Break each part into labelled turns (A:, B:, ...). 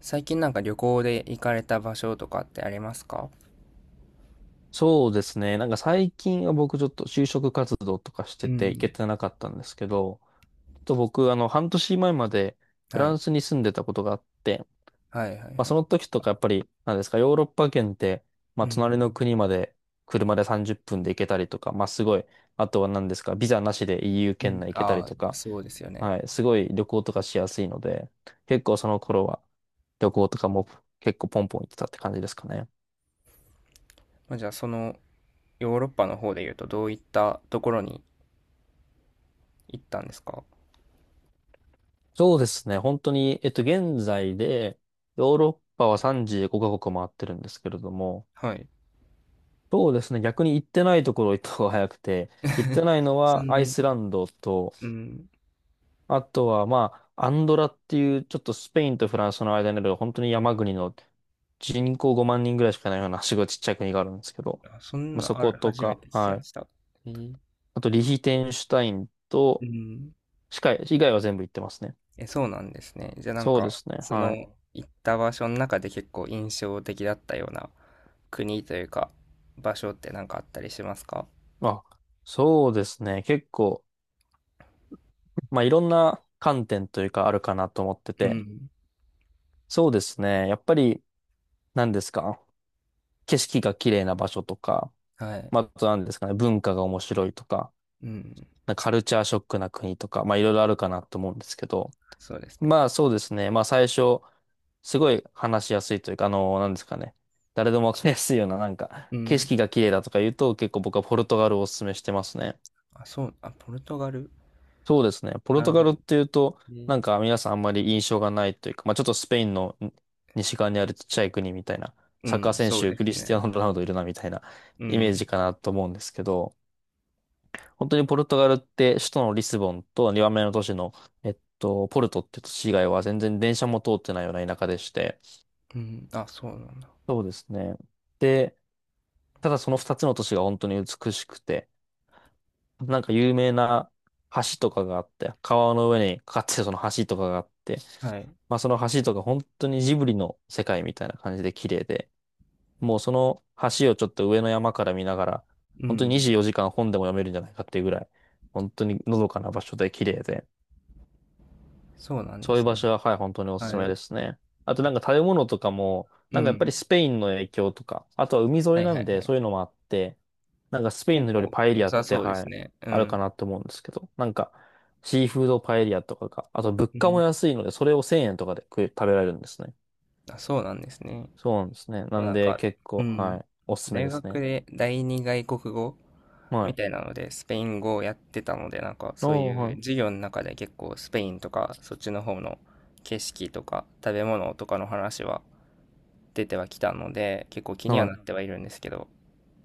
A: 最近なんか旅行で行かれた場所とかってありますか？
B: そうですね。なんか最近は僕ちょっと就職活動とかし
A: う
B: てて行け
A: ん、
B: てなかったんですけど、ちょっと僕半年前までフ
A: は
B: ラ
A: い。
B: ンスに住んでたことがあって、
A: はいはいは
B: まあそ
A: い。
B: の時とかやっぱりなんですか、ヨーロッパ圏って、ま
A: う
B: あ隣
A: ん、
B: の国まで車で30分で行けたりとか、まあすごい、あとは何ですか、ビザなしで EU
A: う
B: 圏
A: ん。
B: 内行けた
A: あ
B: り
A: あ、
B: とか、
A: そうですよね。
B: はい、すごい旅行とかしやすいので、結構その頃は旅行とかも結構ポンポン行ってたって感じですかね。
A: まあ、じゃあそのヨーロッパの方で言うとどういったところに行ったんですか？
B: そうですね。本当に、現在で、ヨーロッパは35カ国回ってるんですけれども、
A: はい。
B: そうですね。逆に行ってないところ行った方が早くて、行って ないの
A: そ
B: は
A: ん
B: アイ
A: な、
B: スランドと、
A: うん。
B: あとは、まあ、アンドラっていう、ちょっとスペインとフランスの間にある、本当に山国の人口5万人ぐらいしかないような、すごいちっちゃい国があるんですけど、
A: あ、そん
B: まあ、
A: な、
B: そ
A: あ
B: こ
A: る、
B: と
A: 初め
B: か、
A: て聞き
B: は
A: ま
B: い。
A: した。えー、
B: あと、リヒテンシュタイン
A: う
B: と、
A: ん。
B: 以外は全部行ってますね。
A: え、そうなんですね。じゃあなん
B: そうで
A: か、
B: すね。
A: そ
B: は
A: の
B: い。
A: 行った場所の中で結構印象的だったような国というか場所ってなんかあったりしますか？
B: あ、そうですね。結構、まあ、いろんな観点というかあるかなと思って
A: う
B: て、
A: ん、
B: そうですね。やっぱり、何ですか、景色が綺麗な場所とか、
A: はい。
B: まあ、あと何ですかね、文化が面白いとか、
A: うん。
B: なんかカルチャーショックな国とか、まあ、いろいろあるかなと思うんですけど、
A: そうですね。
B: まあ、そうですね。まあ、最初、すごい話しやすいというか、何ですかね。誰でもわかりやすいような、なんか、
A: う
B: 景
A: ん。
B: 色が綺麗だとか言うと、結構僕はポルトガルをお勧めしてますね。
A: あ、そう、あ、ポルトガル。
B: そうですね。ポル
A: な
B: ト
A: る
B: ガ
A: ほ
B: ル
A: ど。
B: っていうと、な
A: ね、
B: んか皆さんあんまり印象がないというか、まあちょっとスペインの西側にあるちっちゃい国みたいな、
A: う
B: サッカー
A: ん、
B: 選
A: そう
B: 手
A: で
B: ク
A: す
B: リステ
A: ね。
B: ィアーノ・ロナウドいるなみたいな
A: う
B: イメー
A: ん。
B: ジかなと思うんですけど、本当にポルトガルって首都のリスボンと2番目の都市の、ポルトっていう都市以外は全然電車も通ってないような田舎でして、
A: うん。あ、そうなんだ。
B: そうですね。で、ただその2つの都市が本当に美しくて、なんか有名な橋とかがあって、川の上にかかってるその橋とかがあって、
A: はい。
B: まあその橋とか本当にジブリの世界みたいな感じで綺麗で、もうその橋をちょっと上の山から見ながら、
A: う
B: 本当に
A: ん。
B: 24時間本でも読めるんじゃないかっていうぐらい、本当にのどかな場所で綺麗で、
A: そうなんで
B: そういう
A: す
B: 場
A: ね。
B: 所ははい、本当におすす
A: は
B: め
A: い。
B: ですね。あとなんか食べ物とかも、
A: う
B: なんかやっぱ
A: ん。
B: りスペインの影響とか、あとは海沿
A: は
B: い
A: い
B: な
A: は
B: ん
A: いは
B: でそ
A: い。
B: ういうのもあって、なんかスペイン
A: 結
B: の料理
A: 構
B: パエリ
A: 良
B: アっ
A: さ
B: て、
A: そうで
B: は
A: す
B: い、
A: ね。う
B: あるか
A: ん。
B: なって思うんですけど、なんかシーフードパエリアとかが、あと物
A: う
B: 価も
A: ん。
B: 安いので、それを1000円とかで食べられるんですね。
A: あ、そうなんですね。
B: そうなんですね。な
A: そう
B: ん
A: なん
B: で
A: か、
B: 結
A: う
B: 構、は
A: ん。
B: い。おすすめ
A: 大
B: です
A: 学
B: ね。
A: で第二外国語
B: は
A: み
B: い。
A: たいなので、スペイン語をやってたので、なんか
B: ああ、
A: そういう
B: は
A: 授業の中で結構スペインとか、そっちの方の景色とか食べ物とかの話は出てはきたので、結構気
B: い。
A: に
B: は
A: はなっ
B: い。
A: てはいるんですけど、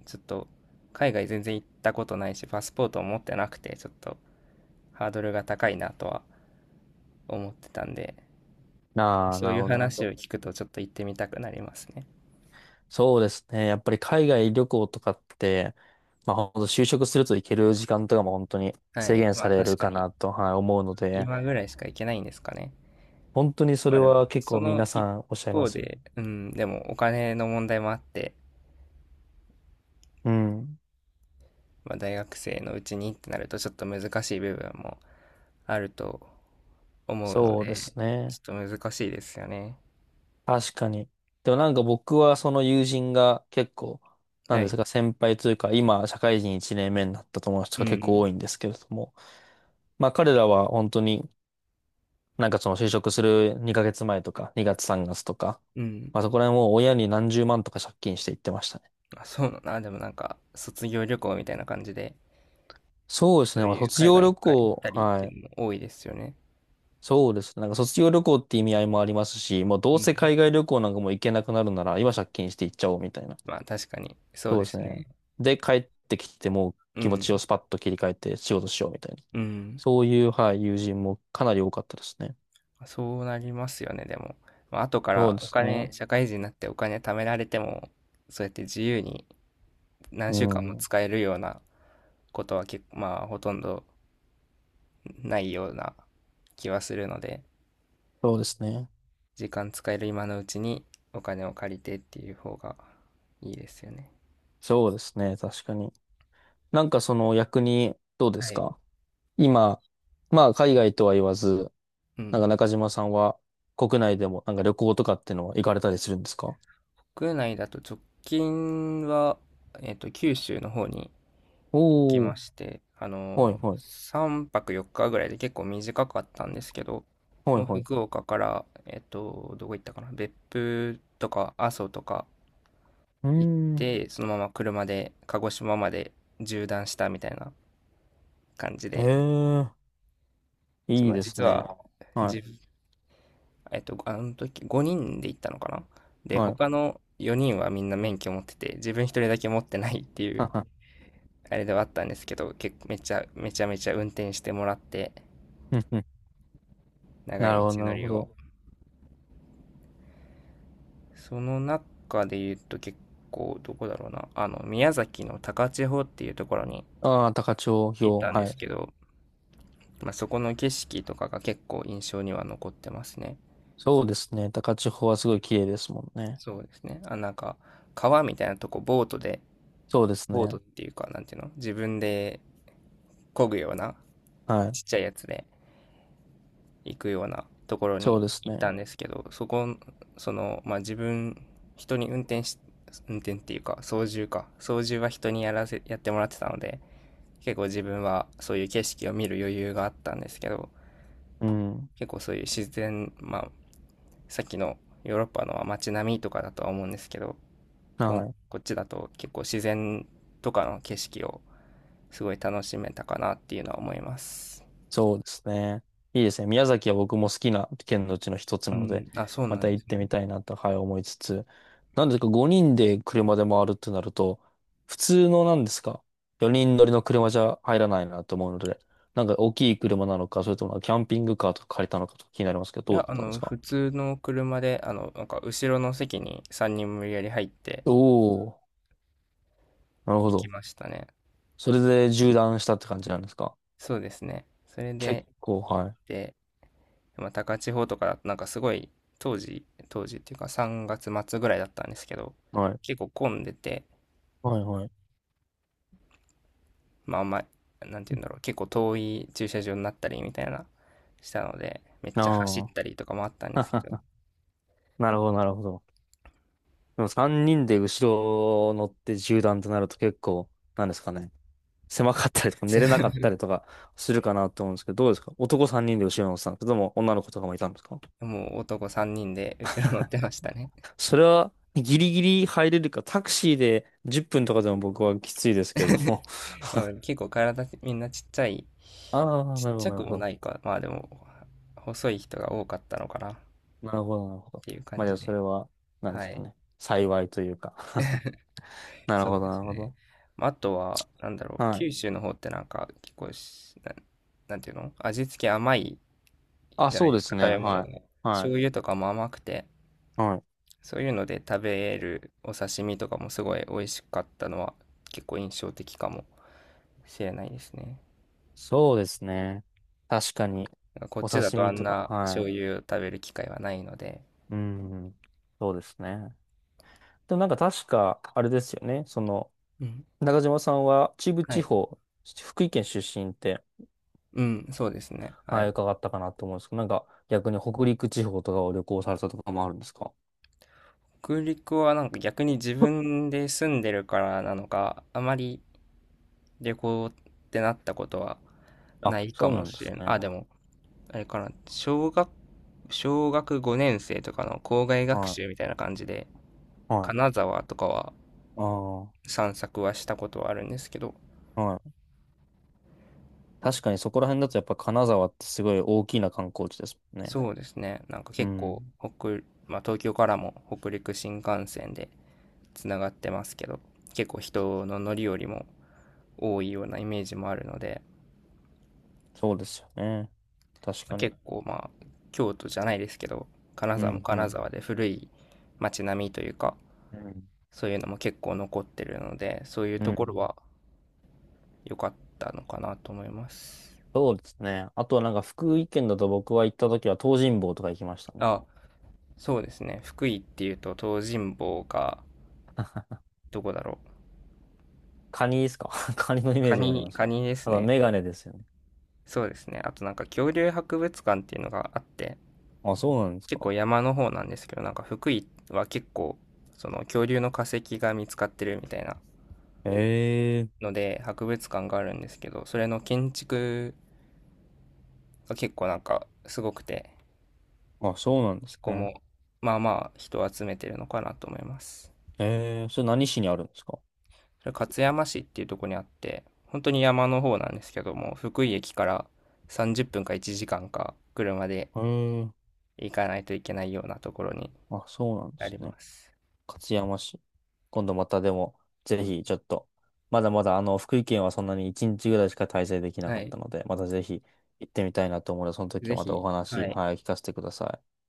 A: ちょっと海外全然行ったことないし、パスポートを持ってなくて、ちょっとハードルが高いなとは思ってたんで、
B: ああ、
A: そ
B: な
A: う
B: る
A: いう
B: ほど、なるほ
A: 話を
B: ど。
A: 聞くとちょっと行ってみたくなりますね。
B: そうですね。やっぱり海外旅行とかって、まあ本当就職すると行ける時間とかも本当に
A: は
B: 制
A: い。
B: 限
A: ま
B: さ
A: あ
B: れ
A: 確
B: る
A: か
B: か
A: に
B: なと、はい、思うので、
A: 今ぐらいしか行けないんですかね。
B: 本当にそ
A: ま
B: れ
A: あでも、
B: は結
A: そ
B: 構皆
A: の
B: さ
A: 一
B: んおっしゃいま
A: 方
B: すよね。
A: で、うん、でもお金の問題もあって、
B: うん。
A: まあ、大学生のうちにってなるとちょっと難しい部分もあると思うの
B: そうで
A: で、
B: す
A: ち
B: ね。
A: ょっと難しいですよね。
B: 確かに。でもなんか僕はその友人が結構、な
A: は
B: んで
A: い。
B: すか、先輩というか、今、社会人1年目になった友達
A: う
B: とか結構多
A: ん。
B: いんですけれども、まあ彼らは本当になんかその就職する2ヶ月前とか2月3月とか、
A: うん。
B: まあそこら辺もう親に何十万とか借金して行ってましたね。
A: あ、そうだな。でもなんか、卒業旅行みたいな感じで、
B: そうです
A: そ
B: ね。
A: う
B: まあ
A: いう
B: 卒
A: 海
B: 業
A: 外
B: 旅
A: 一回行っ
B: 行、
A: たりっ
B: は
A: て
B: い。
A: いうのも多いですよね。
B: そうですね。なんか卒業旅行って意味合いもありますし、もうど
A: う
B: う
A: ん。
B: せ海外旅行なんかもう行けなくなるなら今借金して行っちゃおうみたいな。
A: まあ確かに、そう
B: そう
A: で
B: です
A: す
B: ね。
A: ね。
B: で帰ってきてもう
A: う
B: 気持
A: ん。
B: ちをスパッと切り替えて仕事しようみたいな。
A: うん。
B: そういう、はい、友人もかなり多かったですね。
A: そうなりますよね、でも。まあ、後か
B: そう
A: ら
B: で
A: お
B: す
A: 金、
B: ね。
A: 社会人になってお金貯められても、そうやって自由に何
B: う
A: 週間も
B: ん。
A: 使えるようなことは結構、まあ、ほとんどないような気はするので、
B: そうですね。
A: 時間使える今のうちにお金を借りてっていう方がいいですよね。
B: そうですね。確かに。なんかその逆にどうで
A: は
B: す
A: い。
B: か？今、まあ海外とは言わず、
A: う
B: なん
A: ん。
B: か中島さんは国内でもなんか旅行とかってのは行かれたりするんですか？
A: 国内だと直近は、九州の方にき
B: お
A: ま
B: ー、
A: して、
B: はいはい、
A: 3泊4日ぐらいで結構短かったんですけど、
B: は
A: も
B: い
A: う
B: は
A: 福
B: い。
A: 岡から、どこ行ったかな、別府とか阿蘇とか
B: うー
A: 行っ
B: ん、
A: て、そのまま車で鹿児島まで縦断したみたいな感じ
B: え
A: で、
B: えいい
A: まあ、
B: です
A: 実
B: ね。
A: は、
B: は
A: じ、あの時5人で行ったのかな。
B: い、
A: で、
B: はい。
A: 他 の4人はみんな免許持ってて、自分一人だけ持ってないってい
B: は
A: う、
B: は
A: あれではあったんですけど、結構めちゃめちゃ運転してもらって、
B: うんうん
A: 長
B: なる
A: い
B: ほど、
A: 道
B: な
A: の
B: るほ
A: りを。
B: ど。
A: その中で言うと結構どこだろうな。宮崎の高千穂っていうところに
B: ああ、高千
A: 行っ
B: 穂、
A: たんで
B: は
A: す
B: い。
A: けど、まあ、そこの景色とかが結構印象には残ってますね。
B: そうですね。高千穂はすごい綺麗ですもんね。
A: そうですね。あ、なんか、川みたいなとこボートで、
B: そうです
A: ボート
B: ね。
A: っていうか、なんていうの、自分で漕ぐような
B: はい。
A: ちっちゃいやつで行くようなところ
B: そう
A: に
B: です
A: 行っ
B: ね。
A: たんですけど、そこ、その、まあ、自分、人に運転し、運転っていうか、操縦か。操縦は人にやらせ、やってもらってたので、結構自分はそういう景色を見る余裕があったんですけど、
B: うん。
A: 結構そういう自然、まあ、さっきのヨーロッパのは街並みとかだとは思うんですけど、こ
B: はい。
A: こっちだと結構自然とかの景色をすごい楽しめたかなっていうのは思います。
B: そうですね。いいですね。宮崎は僕も好きな県のうちの一つ
A: う
B: なので、
A: ん、あ、そう
B: ま
A: な
B: た
A: んで
B: 行
A: す
B: ってみ
A: ね。
B: たいなと、はい、思いつつ。なんですか、5人で車で回るってなると、普通のなんですか、4人乗りの車じゃ入らないなと思うので、なんか大きい車なのか、それともキャンピングカーとか借りたのかとか気になりますけど、
A: い
B: どう
A: や、
B: だったんですか？
A: 普通の車で、なんか、後ろの席に3人無理やり入って
B: おおー、なるほ
A: 行き
B: ど。
A: ましたね。
B: それで縦断したって感じなんですか？
A: そうですね。それ
B: 結
A: で
B: 構、
A: 行っ
B: はい。
A: て、まあ、高千穂とかだと、なんかすごい、当時、当時っていうか3月末ぐらいだったんですけど、
B: はい。
A: 結構混んでて、
B: はい、はい。
A: まあ、あんま、なんて言うんだろう、結構遠い駐車場になったりみたいな、したので、めっちゃ走っ
B: あ
A: た
B: あ。
A: りとかもあったんですけど、
B: なるほど、なるほど。でも3人で後ろ乗って縦断となると結構、なんですかね。狭かったりとか寝れなかった りとかするかなと思うんですけど、どうですか？男3人で後ろ乗ってたんですけども、女の子とかもいたんですか？
A: もう男3人で後ろ乗ってましたね。
B: それはギリギリ入れるか、タクシーで10分とかでも僕はきついですけれど も。
A: まあ結構体みんなちっちゃい、
B: ああ、
A: ちっ
B: なるほど、
A: ちゃ
B: なる
A: くも
B: ほど。
A: ないか、まあでも、細い人が多かったのかなっ
B: なるほど、なるほど。
A: ていう
B: ま
A: 感
B: あじゃあ
A: じ
B: そ
A: で。
B: れは、なんで
A: は
B: すか
A: い。
B: ね。幸いというか。 なる
A: そう
B: ほど、
A: で
B: な
A: す
B: るほ
A: ね。
B: ど。
A: まあ、あとは、なんだろう、
B: はい。
A: 九州の方ってなんか、結構し、なん、なんていうの、味付け甘い
B: あ、
A: じゃな
B: そ
A: い
B: う
A: で
B: で
A: すか、
B: す
A: 食
B: ね。
A: べ物
B: は
A: が。
B: い。は
A: 醤油とかも甘くて、
B: い。はい。
A: そういうので食べるお刺身とかもすごい美味しかったのは、結構印象的かもしれないですね。
B: そうですね。確かに。
A: こっ
B: お
A: ちだ
B: 刺
A: とあ
B: 身
A: ん
B: とか、
A: な
B: は
A: 醤
B: い。
A: 油を食べる機会はないので。
B: うん、そうですね。でもなんか確か、あれですよね。
A: うん。
B: 中島さんは秩父
A: は
B: 地
A: い。
B: 方、福井県出身って、
A: うん、そうですね。は
B: はい、
A: い。
B: 伺ったかなと思うんですけど、なんか逆に北陸地方とかを旅行されたとかもあるんですか？
A: 北陸はなんか逆に自分で住んでるからなのか、あまり旅行ってなったことは
B: あ、
A: ないか
B: そうな
A: も
B: んで
A: しれ
B: す
A: ん。あ、
B: ね。
A: でも、あれかな、小学5年生とかの校外学習
B: は
A: みたいな感じで、
B: い、はい。
A: 金沢とかは
B: ああ、
A: 散策はしたことはあるんですけど、
B: はい。確かにそこら辺だとやっぱ金沢ってすごい大きな観光地ですもんね。
A: そうですね、なんか
B: う
A: 結構
B: ん、
A: 北、まあ、東京からも北陸新幹線でつながってますけど、結構人の乗り降りも多いようなイメージもあるので、
B: そうですよね。確
A: まあ
B: かに。
A: 結構、まあ京都じゃないですけど、金
B: う
A: 沢も
B: ん、う
A: 金
B: ん。
A: 沢で古い街並みというか、
B: うん
A: そういうのも結構残ってるので、そういう
B: う
A: ところ
B: ん。
A: は良かったのかなと思います。
B: そうですね。あとはなんか福井県だと僕は行った時は東尋坊とか行きましたね。
A: あ、そうですね、福井っていうと東尋坊がどこだろう。
B: カニですか？ カニのイメー
A: カ
B: ジがあり
A: ニ
B: ます。
A: カニです
B: あとは
A: ね。
B: メガネですよね。
A: そうですね、あとなんか恐竜博物館っていうのがあって、
B: あ、そうなんです
A: 結
B: か。
A: 構山の方なんですけど、なんか福井は結構その恐竜の化石が見つかってるみたいな
B: へえ
A: ので博物館があるんですけど、それの建築が結構なんかすごくて、
B: ー。あ、そうなんで
A: そ
B: す
A: こ
B: ね。
A: もまあまあ人を集めてるのかなと思います。
B: へえー。それ何市にあるんですか？
A: それ勝山市っていうところにあって、本当に山の方なんですけども、福井駅から30分か1時間か車で
B: へえー。
A: 行かないといけないようなところに
B: あ、そうなんで
A: あ
B: す
A: り
B: ね。
A: ます。
B: 勝山市。今度またでも、ぜひちょっと、まだまだ福井県はそんなに1日ぐらいしか滞在できな
A: は
B: かっ
A: い。
B: たので、またぜひ行ってみたいなと思うので、その時
A: ぜ
B: はまたお
A: ひ、
B: 話、
A: はい。
B: はい、聞かせてください。